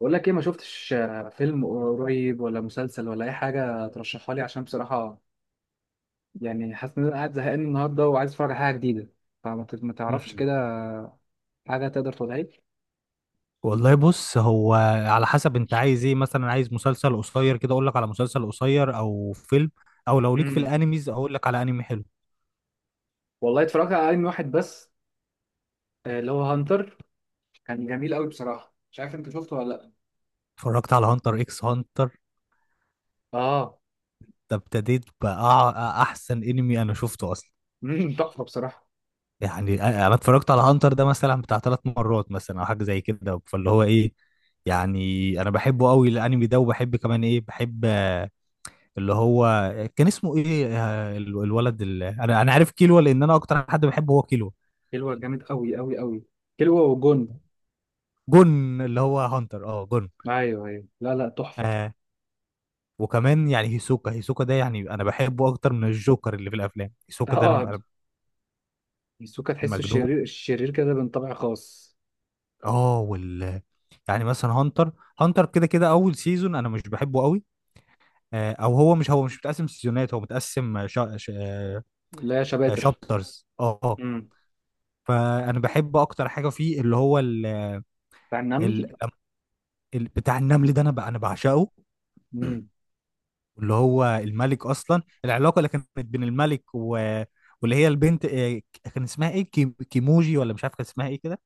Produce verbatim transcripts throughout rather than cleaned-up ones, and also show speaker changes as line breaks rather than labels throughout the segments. بقول لك ايه؟ ما شفتش، آه، فيلم قريب ولا مسلسل ولا اي حاجه ترشحها لي؟ عشان بصراحه يعني حاسس ان انا قاعد زهقان النهارده وعايز اتفرج على حاجه جديده. فما ت- ما تعرفش
مم.
كده حاجه تقدر تقولها لي.
والله بص، هو على حسب انت عايز ايه. مثلا عايز مسلسل قصير كده اقول لك على مسلسل قصير او فيلم، او لو ليك في
امم
الانميز اقول لك على انمي حلو.
والله اتفرجت على انمي واحد بس، آه، اللي هو هانتر. كان جميل قوي بصراحه، مش عارف انت شفته ولا لا.
اتفرجت على هانتر اكس هانتر
اه.
ده، ابتديت بقى احسن انمي انا شفته اصلا.
امم تحفه بصراحه.
يعني انا أنا اتفرجت على هانتر ده مثلا بتاع ثلاث مرات مثلا او حاجه زي كده. فاللي هو ايه، يعني انا بحبه قوي الانمي ده، وبحب كمان ايه، بحب آه، اللي هو كان اسمه ايه، آه، ال- الولد اللي انا انا عارف، كيلو. لان انا اكتر حد بحبه هو كيلو.
كيلوا جامد قوي قوي قوي. كيلوا وجون.
جون اللي هو هانتر، اه جون.
ايوه ايوه، لا لا، تحفه.
آه، وكمان يعني هيسوكا، هيسوكا ده يعني انا بحبه اكتر من الجوكر اللي في الافلام. هيسوكا ده انا
اه،
ببقى
ميسوكا تحسه
مجنون.
الشرير الشرير كده، من طبع خاص.
اه وال يعني مثلا هانتر، هانتر كده كده اول سيزون انا مش بحبه قوي. آه او هو مش هو مش متقسم سيزونات، هو متقسم شا... شا...
لا، يا شباتر.
شابترز، اه. آه. فانا بحب اكتر حاجه فيه اللي هو ال...
بتاع النمل.
ال... ال... بتاع النمل ده. انا ب... انا بعشقه.
امم.
واللي هو الملك اصلا، العلاقه اللي كانت بين الملك و... واللي هي البنت، آه، كان اسمها ايه، كيم... كيموجي ولا مش عارف كان اسمها ايه كده.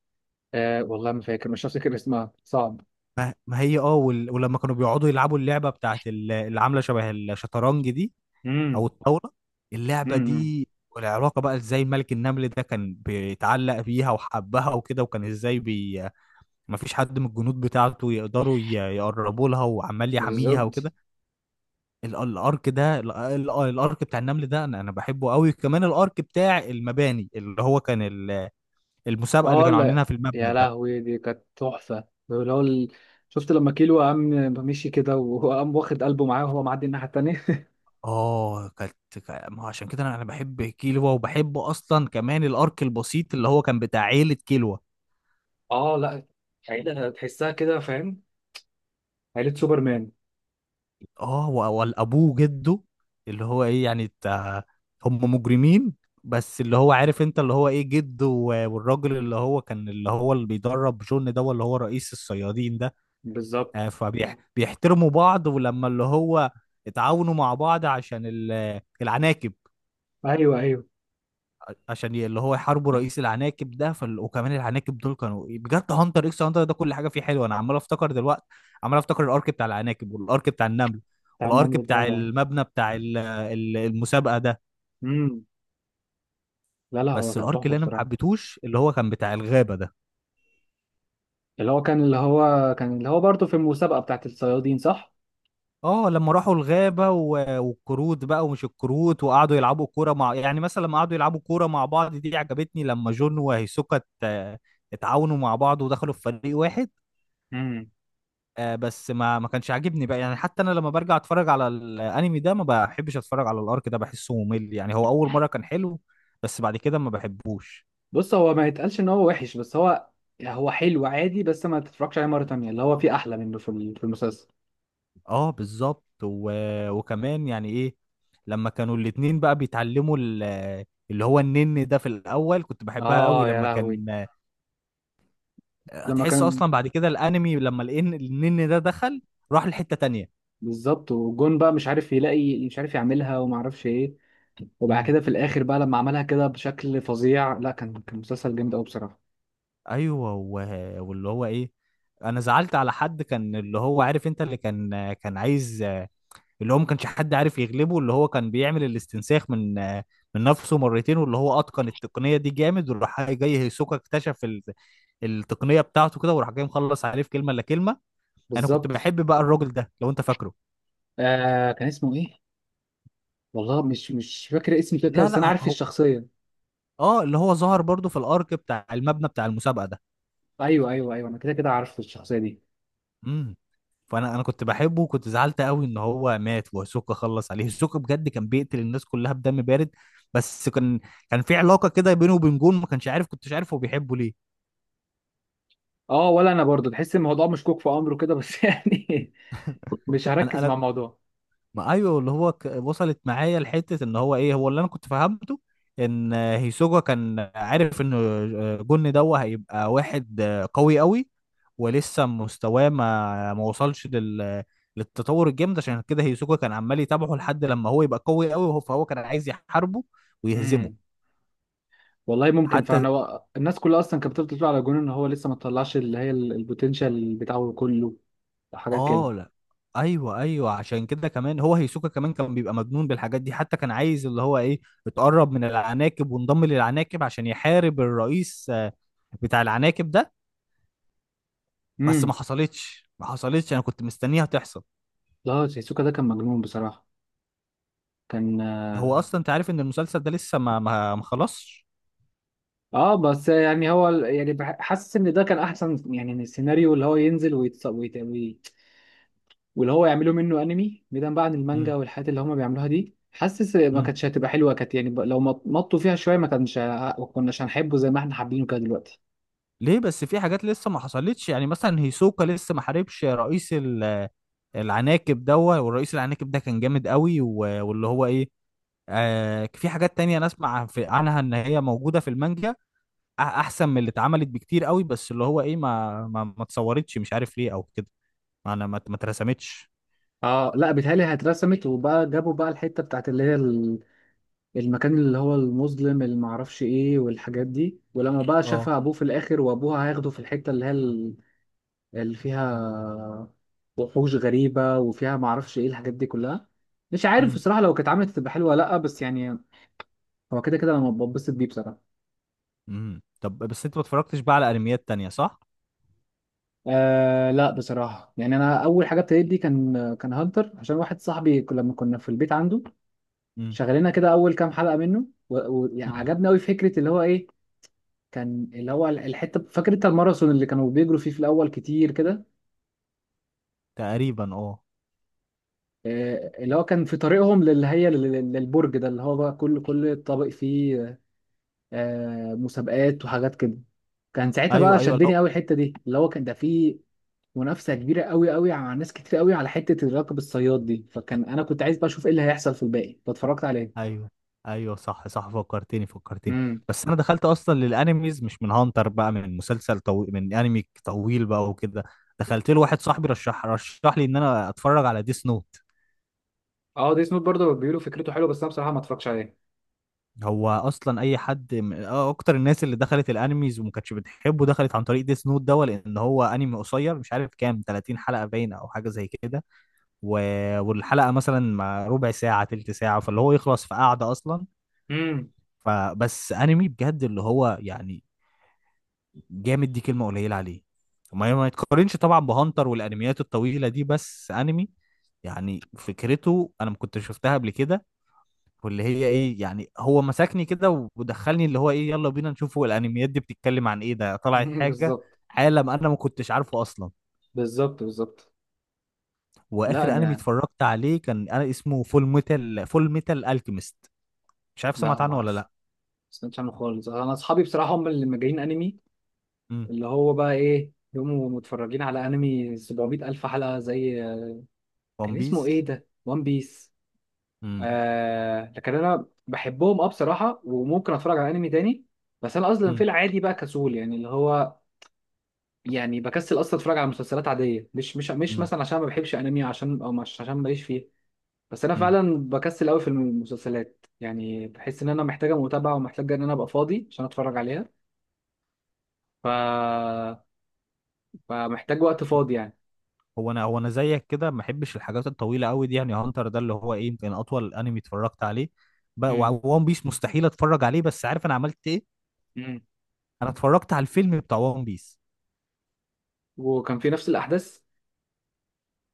آه، والله ما فاكر، مش هفتكر اسمها، صعب.
ما هي اه وال... ولما كانوا بيقعدوا يلعبوا اللعبه بتاعت ال- اللي عامله شبه الشطرنج دي،
امم.
او الطاوله، اللعبه
امم.
دي. والعلاقه بقى ازاي الملك النمل ده كان بيتعلق بيها وحبها وكده. وكان ازاي بي... ما فيش حد من الجنود بتاعته يقدروا ي... يقربوا لها، وعمال يحميها
بالظبط.
وكده. ال- الارك ده، ال- ال- الارك بتاع النمل ده انا انا بحبه قوي. كمان الارك بتاع المباني اللي هو كان ال- المسابقه اللي
اه
كانوا
لا،
عاملينها في المبنى
يا
ده.
لهوي، دي كانت تحفة. اللي هو ال- شفت لما كيلو قام، مشي كده وقام واخد قلبه معاه وهو معدي الناحية التانية
اه كانت، كا- ما هو عشان كده انا أنا بحب كيلوا، وبحب اصلا كمان الارك البسيط اللي هو كان بتاع عيله كيلوا.
اه لا، عيلة تحسها كده، فاهم؟ عيلة سوبرمان.
اه و- والابوه، جده، اللي هو ايه يعني بتاع، هم مجرمين. بس اللي هو عارف انت اللي هو ايه جده و- والراجل اللي هو كان، اللي هو اللي بيدرب جون ده، اللي هو رئيس الصيادين ده.
بالظبط،
آه، فبيحترموا بعض. ولما اللي هو اتعاونوا مع بعض عشان ال- العناكب،
ايوه ايوه.
عشان ي- اللي هو يحاربوا رئيس العناكب ده. فال... وكمان العناكب دول كانوا بجد. هانتر اكس هانتر ده كل حاجه فيه حلوه، انا عمال افتكر دلوقتي، عمال افتكر الارك بتاع العناكب، والارك بتاع النمل،
بتاع
والارك
النمل
بتاع
ده.
المبنى بتاع ال- ال- المسابقه ده.
امم. لا لا، هو
بس
كان
الارك
تحفة
اللي انا ما
بصراحة.
حبيتهوش اللي هو كان بتاع الغابه ده.
اللي هو كان اللي هو كان اللي هو برضه في المسابقة بتاعت الصيادين، صح؟
اه لما راحوا الغابة و... والكروت بقى، ومش الكروت، وقعدوا يلعبوا كورة مع، يعني مثلا لما قعدوا يلعبوا كورة مع بعض دي عجبتني، لما جون وهيسوكا ات- اتعاونوا مع بعض ودخلوا في فريق واحد. آه، بس ما ما كانش عاجبني بقى. يعني حتى انا لما برجع اتفرج على الانمي ده ما بحبش اتفرج على الارك ده، بحسه ممل. يعني هو اول مرة كان حلو، بس بعد كده ما بحبوش.
بص، هو ما يتقالش ان هو وحش، بس هو هو حلو عادي، بس ما تتفرجش عليه مره تانية. اللي هو في احلى منه في ال- في المسلسل.
اه بالظبط. و... وكمان يعني ايه، لما كانوا الاتنين بقى بيتعلموا ال... اللي هو النن ده، في الاول كنت بحبها قوي
اه يا
لما
لهوي،
كان،
لما
تحس
كان.
اصلا بعد كده الانمي لما الان النن ده دخل راح لحتة تانية.
بالظبط. وجون بقى مش عارف يلاقي، مش عارف يعملها، وما اعرفش ايه. وبعد
امم،
كده في الاخر بقى لما عملها كده بشكل فظيع. لا، كان كان مسلسل جامد قوي بصراحه.
ايوه. و... واللي هو ايه، انا زعلت على حد كان اللي هو عارف انت اللي كان كان عايز، اللي هو ما كانش حد عارف يغلبه، اللي هو كان بيعمل الاستنساخ من من نفسه مرتين. واللي هو اتقن التقنية دي جامد، وراح جاي هيسوكا اكتشف ال... التقنية بتاعته كده، وراح جاي مخلص عليه في كلمة الا كلمة. انا كنت
بالظبط.
بحب بقى الراجل ده، لو انت فاكره.
آه، كان اسمه ايه؟ والله مش مش فاكر اسم كده كده،
لا
بس انا
لا،
عارف
هو
الشخصيه.
اه اللي هو ظهر برضو في الارك بتاع المبنى بتاع المسابقة ده.
ايوه ايوه ايوه، انا كده كده عارف الشخصيه دي.
امم فانا انا كنت بحبه، وكنت زعلت قوي ان هو مات وهيسوكا خلص عليه. هيسوكا بجد كان بيقتل الناس كلها بدم بارد، بس كان كان في علاقه كده بينه وبين جون ما كانش عارف، كنتش عارف هو بيحبه ليه.
اه، ولا انا برضو تحس الموضوع مشكوك في امره كده، بس يعني مش هركز مع
انا
الموضوع.
ما، ايوه، اللي هو ك... وصلت معايا لحته ان هو ايه، هو اللي انا كنت فهمته ان هيسوجا كان عارف ان جن دوا هيبقى واحد قوي قوي. ولسه مستواه ما ما وصلش لل... للتطور الجامد، عشان كده هيسوجا كان عمال يتابعه لحد لما هو يبقى قوي قوي. وهو فهو كان عايز يحاربه ويهزمه.
امم. والله ممكن
حتى
فعلا، هو الناس كلها اصلا كانت بتفضل تقول على جون ان هو لسه ما طلعش، اللي هي ال- البوتنشال بتاعه كله، حاجات كده.
اه، لا ايوه ايوه، عشان كده كمان هو هيسوكا كمان كان بيبقى مجنون بالحاجات دي. حتى كان عايز اللي هو ايه، اتقرب من العناكب وانضم للعناكب عشان يحارب الرئيس، آه، بتاع العناكب ده. بس ما
امم.
حصلتش، ما حصلتش، انا كنت مستنيها تحصل.
لا، سيسوكا ده كان مجنون بصراحه. كان
هو
اه.
اصلا انت عارف ان المسلسل ده لسه ما ما ما خلصش.
آه، بس يعني هو ال- يعني بح- حاسس ان ده كان احسن يعني من السيناريو، اللي هو ينزل ويتص... ويت... وي... واللي هو يعملوا منه انمي بعيدا بقى عن المانجا
امم
والحاجات اللي هم بيعملوها دي. حاسس ما
امم
كانتش هتبقى حلوه، كانت يعني ب- لو مط- مطوا فيها شويه، ما كانش ه- ما كناش هنحبه زي ما احنا حابينه كده دلوقتي.
ليه بس، في حاجات لسه ما حصلتش. يعني مثلا هيسوكا لسه ما حاربش رئيس ال- العناكب ده، والرئيس العناكب ده كان جامد قوي. و- واللي هو ايه، آه في حاجات تانية انا اسمع في عنها ان هي موجودة في المانجا، أ- احسن من اللي اتعملت بكتير قوي. بس اللي هو ايه، ما ما, ما اتصورتش، مش عارف ليه او كده، انا ما ما اترسمتش.
اه لا، بيتهيألي هترسمت، وبقى جابوا بقى الحتة بتاعت اللي هي ال- المكان اللي هو المظلم، اللي معرفش ايه والحاجات دي، ولما بقى
اه.
شافها ابوه في الاخر وابوها هياخده في الحتة اللي هي ال- اللي فيها وحوش غريبة وفيها معرفش ايه الحاجات دي كلها. مش عارف
امم
بصراحة، لو كانت عملت تبقى حلوة ولا لا، بس يعني هو كده كده انا بتبسط بيه بصراحة.
امم طب بس انت ما اتفرجتش بقى على انميات تانية، صح؟
آه لا، بصراحة يعني انا اول حاجة ابتديت دي كان كان هانتر، عشان واحد صاحبي ك- لما كنا في البيت عنده
امم،
شغلنا كده اول كام حلقه منه،
امم،
وعجبنا قوي فكره اللي هو ايه. كان اللي هو ال- الحته، فاكر انت الماراثون اللي كانوا بيجروا فيه في الاول كتير كده؟
تقريبا اه.
آه، اللي هو كان في طريقهم للي هي لل- لل- للبرج ده، اللي هو بقى كل كل طابق فيه آه، مسابقات وحاجات كده. كان ساعتها
ايوه
بقى
ايوه. لا.
شدني قوي الحته دي، اللي هو كان ده فيه منافسه كبيره قوي قوي مع ناس كتير قوي على حته الراكب الصياد دي، فكان انا كنت عايز بقى اشوف ايه اللي هيحصل في الباقي فاتفرجت عليه.
ايوه ايوه، صح صح، فكرتني فكرتني.
امم.
بس انا دخلت اصلا للانميز مش من هانتر، بقى من مسلسل طويل، من انمي طويل بقى وكده. دخلت له، واحد صاحبي رشح رشح لي ان انا اتفرج على ديس نوت.
اه، دي سنوت برضه بيقولوا فكرته حلوه، بس انا بصراحه ما اتفرجتش عليه.
هو اصلا اي حد من، آه، اكتر الناس اللي دخلت الانميز وما كانتش بتحبه دخلت عن طريق ديس نوت ده، لان هو انمي قصير مش عارف كام، ثلاثين حلقه باينه او حاجه زي كده. و... والحلقه مثلا ما ربع ساعه تلت ساعه، فاللي هو يخلص في قعده اصلا.
مم.
فبس انمي بجد، اللي هو يعني جامد، دي كلمه قليله عليه. ما ما يتقارنش طبعا بهانتر والانميات الطويله دي، بس انمي، يعني فكرته انا ما كنتش شفتها قبل كده. واللي هي ايه، يعني هو مسكني كده ودخلني، اللي هو ايه، يلا بينا نشوفه، الانميات دي بتتكلم عن ايه، ده طلعت حاجه،
بالظبط،
عالم انا ما كنتش عارفه اصلا.
بالظبط، بالظبط. لا
واخر انمي
انا،
اتفرجت عليه كان، انا اسمه، فول ميتال فول ميتال الكيميست، مش عارف
لا
سمعت
ما
عنه ولا
أس-
لا.
ما سمعتش عنه خالص. انا اصحابي بصراحه هم اللي مجانين انمي،
امم.
اللي هو بقى ايه، يقوموا متفرجين على انمي سبعمائة ألف الف حلقه زي.
ون
كان اسمه
بيس.
ايه ده؟ وان بيس.
امم.
آه لكن انا بحبهم، اه بصراحه، وممكن اتفرج على انمي تاني. بس انا اصلا في
امم.
العادي بقى كسول، يعني اللي هو يعني بكسل اصلا اتفرج على مسلسلات عاديه، مش مش مش
امم.
مثلا عشان ما بحبش انمي، عشان او مش عشان ماليش فيه. بس انا
أمم.
فعلا بكسل قوي في المسلسلات، يعني بحس ان انا محتاجه متابعه ومحتاجه ان انا ابقى فاضي عشان اتفرج عليها. ف... فمحتاج وقت فاضي يعني.
هو انا هو انا زيك كده، ما بحبش الحاجات الطويله قوي دي. يعني هانتر ده اللي هو ايه يمكن اطول انمي اتفرجت عليه بقى.
امم.
وون بيس مستحيل اتفرج عليه. بس عارف انا عملت ايه،
امم.
انا اتفرجت على الفيلم بتاع ون بيس.
وكان في نفس الاحداث.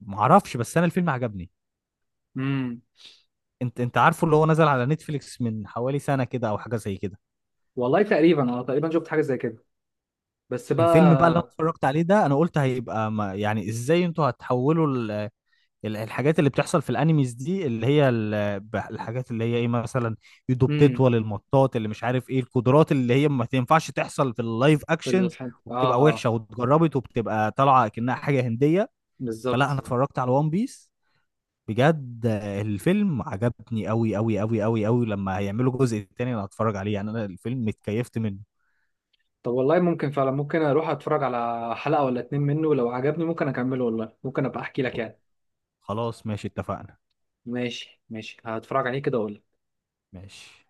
معرفش، بس انا الفيلم عجبني.
امم.
انت انت عارفه اللي هو نزل على نتفليكس من حوالي سنة كده او حاجة زي كده.
والله تقريبا انا تقريبا شفت حاجه زي كده، بس
الفيلم بقى اللي انا
بقى.
اتفرجت عليه ده انا قلت، هيبقى ما، يعني ازاي انتوا هتحولوا ال- ال- الحاجات اللي بتحصل في الانيميز دي، اللي هي ال- ب- الحاجات اللي هي ايه، مثلا ايده
امم.
بتطول المطاط، اللي مش عارف ايه القدرات اللي هي ما تنفعش تحصل في اللايف
في
اكشنز،
الحد،
وبتبقى
اه. اه.
وحشة واتجربت وبتبقى طالعة كأنها حاجة هندية. فلا انا
بالظبط.
اتفرجت على وان بيس، بجد الفيلم عجبني قوي قوي قوي قوي قوي. لما هيعملوا جزء تاني انا هتفرج عليه، يعني انا الفيلم اتكيفت منه.
طب، والله ممكن فعلا، ممكن اروح اتفرج على حلقه ولا اتنين منه، لو عجبني ممكن اكمله، والله ممكن ابقى احكي لك يعني.
خلاص ماشي، اتفقنا.
ماشي ماشي، هتفرج عليه كده وأقول.
ماشي.